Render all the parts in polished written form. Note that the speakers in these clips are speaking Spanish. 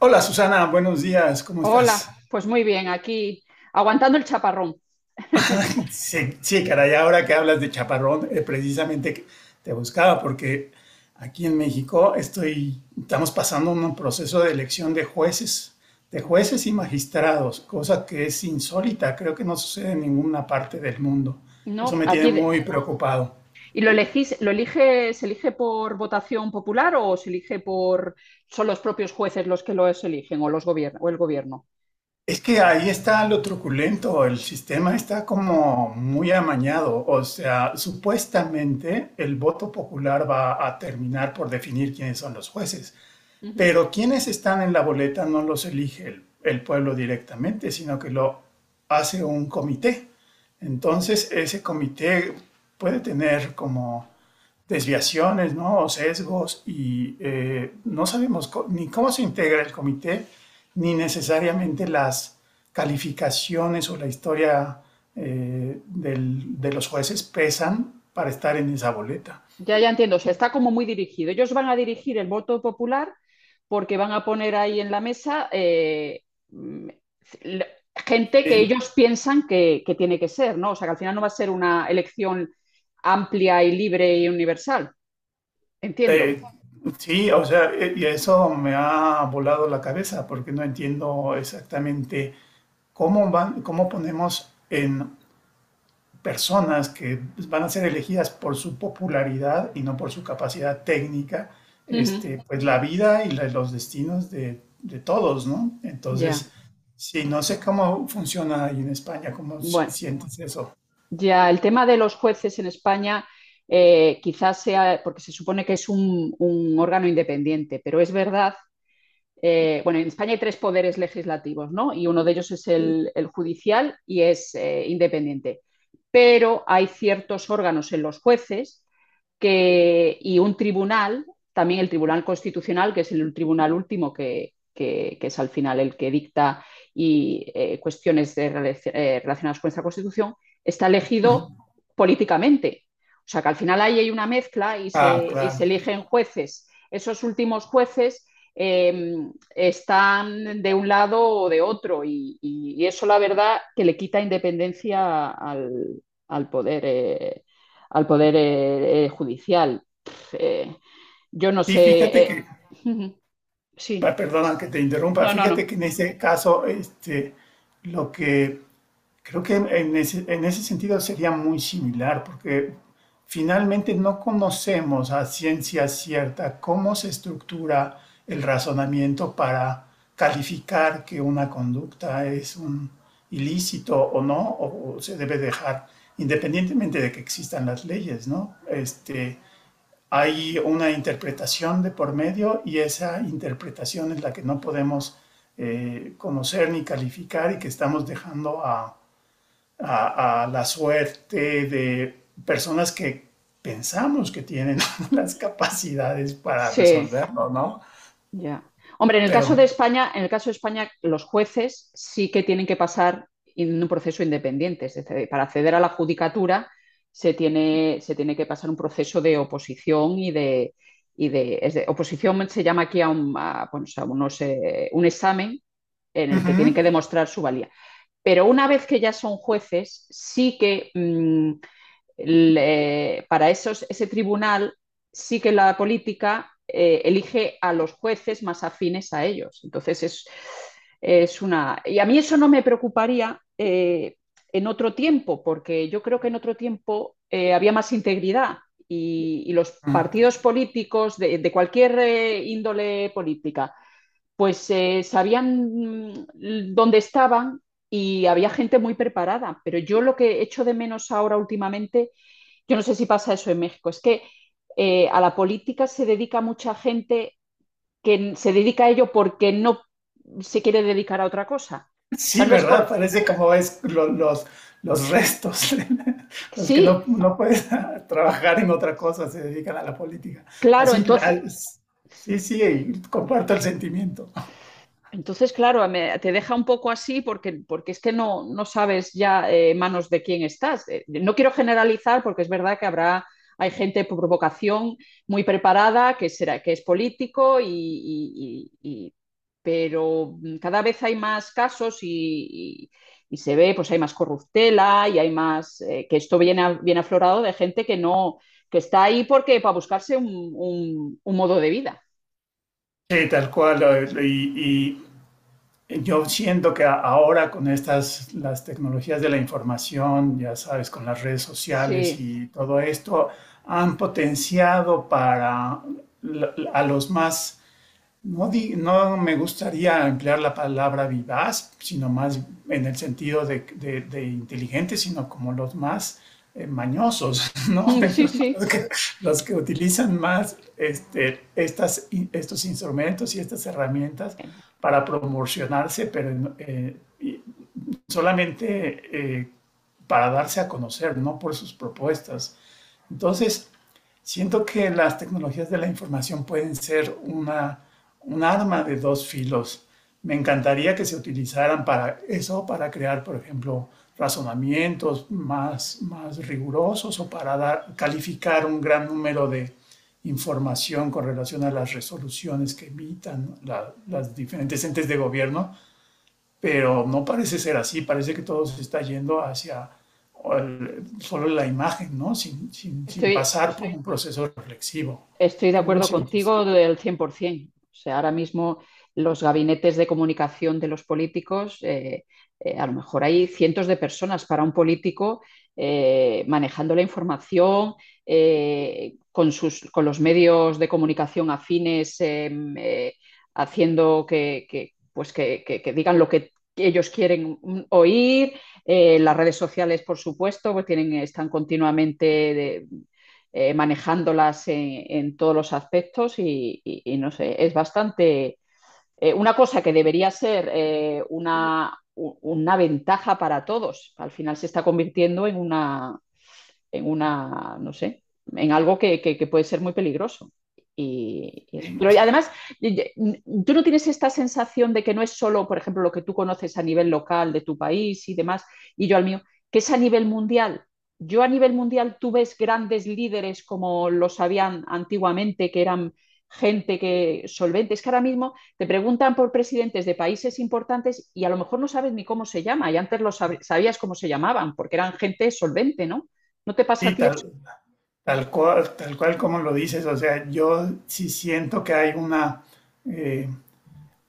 Hola Susana, buenos días, ¿cómo estás? Hola, pues muy bien, aquí aguantando el chaparrón. Sí, sí, caray, ahora que hablas de chaparrón, precisamente te buscaba porque aquí en México estamos pasando un proceso de elección de Uy, jueces y magistrados, cosa que es insólita, creo que no sucede en ninguna parte del mundo. Eso no, me tiene muy preocupado. ¿y lo elegís, lo elige, se elige por votación popular, o se elige por son los propios jueces los que los eligen, o los gobierno o el gobierno? Es que ahí está lo truculento, el sistema está como muy amañado, o sea, supuestamente el voto popular va a terminar por definir quiénes son los jueces, Ujú. pero quienes están en la boleta no los elige el pueblo directamente, sino que lo hace un comité. Entonces, ese comité puede tener como desviaciones, ¿no? O sesgos y no sabemos ni cómo se integra el comité, ni necesariamente las calificaciones o la historia de los jueces pesan para estar en esa boleta. Ya, ya entiendo. O sea, está como muy dirigido. Ellos van a dirigir el voto popular, porque van a poner ahí en la mesa mm, l- gente que Eh, ellos piensan que tiene que ser, ¿no? O sea, que al final no va a ser una elección amplia y libre y universal. Entiendo. eh, sí, o sea, y eso me ha volado la cabeza porque no entiendo exactamente cómo ponemos en personas que van a ser elegidas por su popularidad y no por su capacidad técnica, Ujú. este, pues la vida y los destinos de todos, ¿no? Ya, Entonces, sí, no sé cómo funciona ahí en España, cómo bueno, sientes eso. ya el tema de los jueces en España quizás sea, porque se supone que es un órgano independiente, pero es verdad, bueno, en España hay tres poderes legislativos, ¿no? Y uno de ellos es, sí, el judicial, y es independiente. Pero hay ciertos órganos en los jueces, que, y un tribunal, también el Tribunal Constitucional, que es el tribunal último, que es al final el que dicta y cuestiones de, relacionadas con esta Constitución, está Ujú. elegido políticamente. O sea que al final ahí hay una mezcla, Ah, y claro. se eligen jueces. Esos últimos jueces eh, están de un lado o de otro, y eso la verdad que le quita independencia al, al poder eh, al poder judicial. Yo no Sí, sé. fíjate que, Sí, perdona que te interrumpa, no, no, no. fíjate que en ese caso, este, lo que Creo que en en ese sentido sería muy similar, porque finalmente no conocemos a ciencia cierta cómo se estructura el razonamiento para calificar que una conducta es un ilícito o no, o se debe dejar, independientemente de que existan las leyes, ¿no? Este, hay una interpretación de por medio y esa interpretación es la que no podemos conocer ni calificar y que estamos dejando a a la suerte de personas que pensamos que tienen las capacidades para Sí, resolverlo, ¿no? ya. Hombre, en el Pero caso uh de España, en el caso de España, los jueces sí que tienen que pasar en un proceso independiente. Es decir, para acceder a la judicatura se tiene que pasar un proceso de oposición es de oposición se llama aquí bueno, a unos, un examen en el que tienen -huh, que demostrar su valía. Pero una vez que ya son jueces, sí que para esos, ese tribunal, sí que la política elige a los jueces más afines a ellos. Entonces es una... Y a mí eso no me preocuparía en otro tiempo, porque yo creo que en otro tiempo había más integridad. Y los uh -huh. partidos políticos de cualquier índole política, pues sabían, dónde estaban, y había gente muy preparada. Pero yo lo que echo de menos ahora últimamente, yo no sé si pasa eso en México, es que a la política se dedica mucha gente que se dedica a ello porque no se quiere dedicar a otra cosa. O sea, Sí, no es ¿verdad? por... Parece como ves los restos, los que Sí, no, no pueden trabajar en otra cosa, se dedican a la política. claro, Así, entonces. las, sí, sí, y comparto el sentimiento. Entonces, claro, te deja un poco así, porque, es que no sabes ya en manos de quién estás. No quiero generalizar, porque es verdad que hay gente por vocación muy preparada, que es político, pero cada vez hay más casos, y se ve, pues hay más corruptela y hay más, que esto viene, viene aflorado de gente que no, que está ahí porque para buscarse un modo de vida. Sí, tal cual. Y, y, Yo siento que ahora con las tecnologías de la información, ya sabes, con las redes sociales Sí, y todo esto, han potenciado para a los más no, no me gustaría emplear la palabra vivaz, sino más en el sentido de inteligente, sino como los más mañosos, ¿no? Mm, sí, Los, sí. los que, los que utilizan más estos instrumentos y estas herramientas para promocionarse, pero y solamente para darse a conocer, no por sus propuestas. Entonces, siento que las tecnologías de la información pueden ser una, un arma de dos filos. Me encantaría que se utilizaran para eso, para crear, por ejemplo, razonamientos más, más rigurosos o para calificar un gran número de información con relación a las resoluciones que emitan las diferentes entes de gobierno, pero no parece ser así, parece que todo se está yendo hacia solo la imagen, ¿no? Sin, sin, sin, Estoy... pasar por un proceso reflexivo. Estoy de ¿Cómo lo acuerdo sientes? contigo del 100%. O sea, ahora mismo los gabinetes de comunicación de los políticos, a lo mejor hay cientos de personas para un político manejando la información con, con los medios de comunicación afines, eh, haciendo que, pues que digan lo que ellos quieren oír, las redes sociales, por supuesto, pues tienen, están continuamente de, manejándolas en todos los aspectos, y no sé, es bastante una cosa que debería ser una ventaja para todos. Al final se está convirtiendo en una, no sé, en algo que puede ser muy peligroso. Y eso. Y, Pero además, y- y- tú no tienes esta sensación de que no es solo, por ejemplo, lo que tú conoces a nivel local de tu país y demás, y yo al mío, que es a nivel mundial. Yo a nivel mundial, tú ves grandes líderes como los habían antiguamente, que eran gente que solvente. Es que ahora mismo te preguntan por presidentes de países importantes y a lo mejor no sabes ni cómo se llama, y antes lo sabías cómo se llamaban, porque eran gente solvente, ¿no? ¿No te pasa a ti eso? tal, cual, tal cual como lo dices, o sea, yo sí siento que hay una... Eh,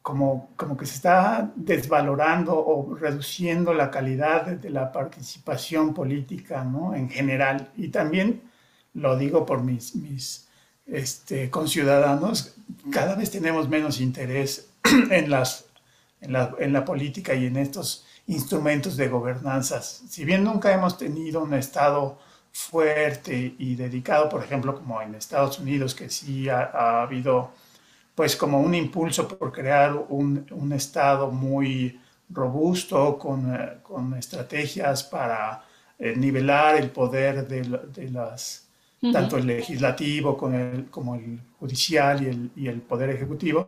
como, como que se está desvalorando o reduciendo la calidad de la participación política, ¿no? En general. Y también lo digo por mis este, conciudadanos, cada vez tenemos menos interés en, las, en la política y en estos instrumentos de gobernanzas. Si bien nunca hemos tenido un Estado fuerte y dedicado, por ejemplo, como en Estados Unidos, que sí ha habido pues como un impulso por crear un Estado muy robusto, con estrategias para nivelar el poder de, las, Ujú. tanto el legislativo como el judicial y el poder ejecutivo.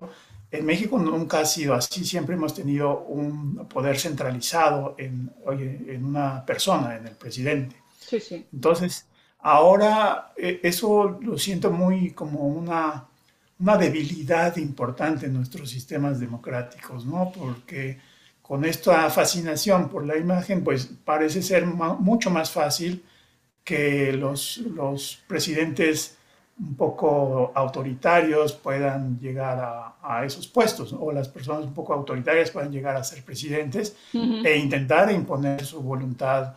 En México nunca ha sido así, siempre hemos tenido un poder centralizado en una persona, en el presidente. Sí, sí. Entonces, ahora eso lo siento muy como una debilidad importante en nuestros sistemas democráticos, ¿no? Porque con esta fascinación por la imagen, pues parece ser mucho más fácil que los presidentes un poco autoritarios puedan llegar a esos puestos, ¿no? O las personas un poco autoritarias puedan llegar a ser presidentes Ujú, e intentar imponer su voluntad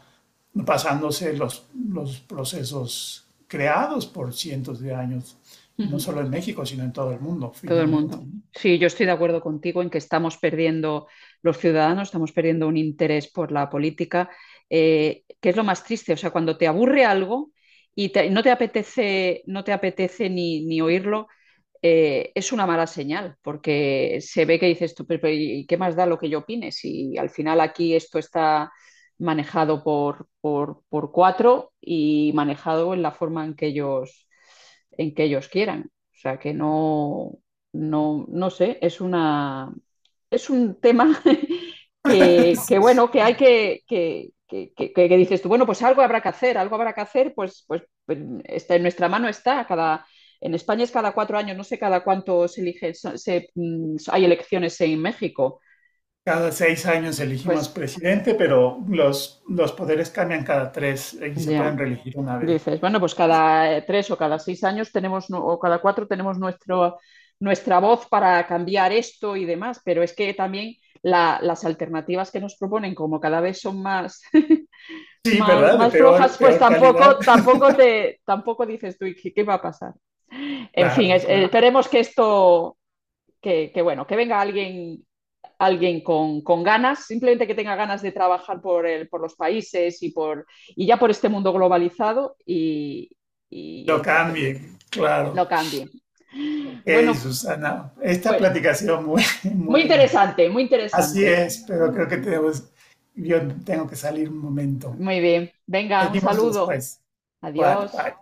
pasándose los procesos creados por cientos de años, y no ujú. solo en México, sino en todo el mundo, Todo el finalmente. mundo. ¿No? Sí, yo estoy de acuerdo contigo en que estamos perdiendo los ciudadanos, estamos perdiendo un interés por la política, que es lo más triste. O sea, cuando te aburre algo y no te apetece, no te apetece ni oírlo, es una mala señal, porque se ve que dices tú, pero, ¿y qué más da lo que yo opine? Si al final aquí esto está manejado por cuatro, y manejado en la forma en que ellos quieran. O sea que no, no sé, es un tema que bueno, que hay que dices tú, bueno, pues algo habrá que hacer, algo habrá que hacer, pues está, en nuestra mano está, en España es cada cuatro años, no sé cada cuánto se elige, hay elecciones en México. Cada 6 años elegimos Pues presidente, pero los poderes cambian cada 3 y se pueden ya, reelegir una vez. dices, bueno, pues cada tres o cada seis años tenemos, o cada cuatro tenemos nuestra voz para cambiar esto y demás, pero es que también la, las alternativas que nos proponen, como cada vez son más, Sí, más, ¿verdad? De más flojas, peor, pues peor calidad. Tampoco dices tú, ¿qué va a pasar? En fin, Claro, claro. esperemos que esto, bueno, que venga alguien con, ganas, simplemente que tenga ganas de trabajar por los países, y, y ya por este mundo globalizado, y Lo entonces cambien, claro. no cambie. Ok, Bueno, Susana. Esta fue platicación muy, muy muy, interesante, muy así interesante. es, pero creo que tenemos, yo tengo que salir un momento. Muy bien, venga, un Seguimos saludo, después. Igual, bye. adiós.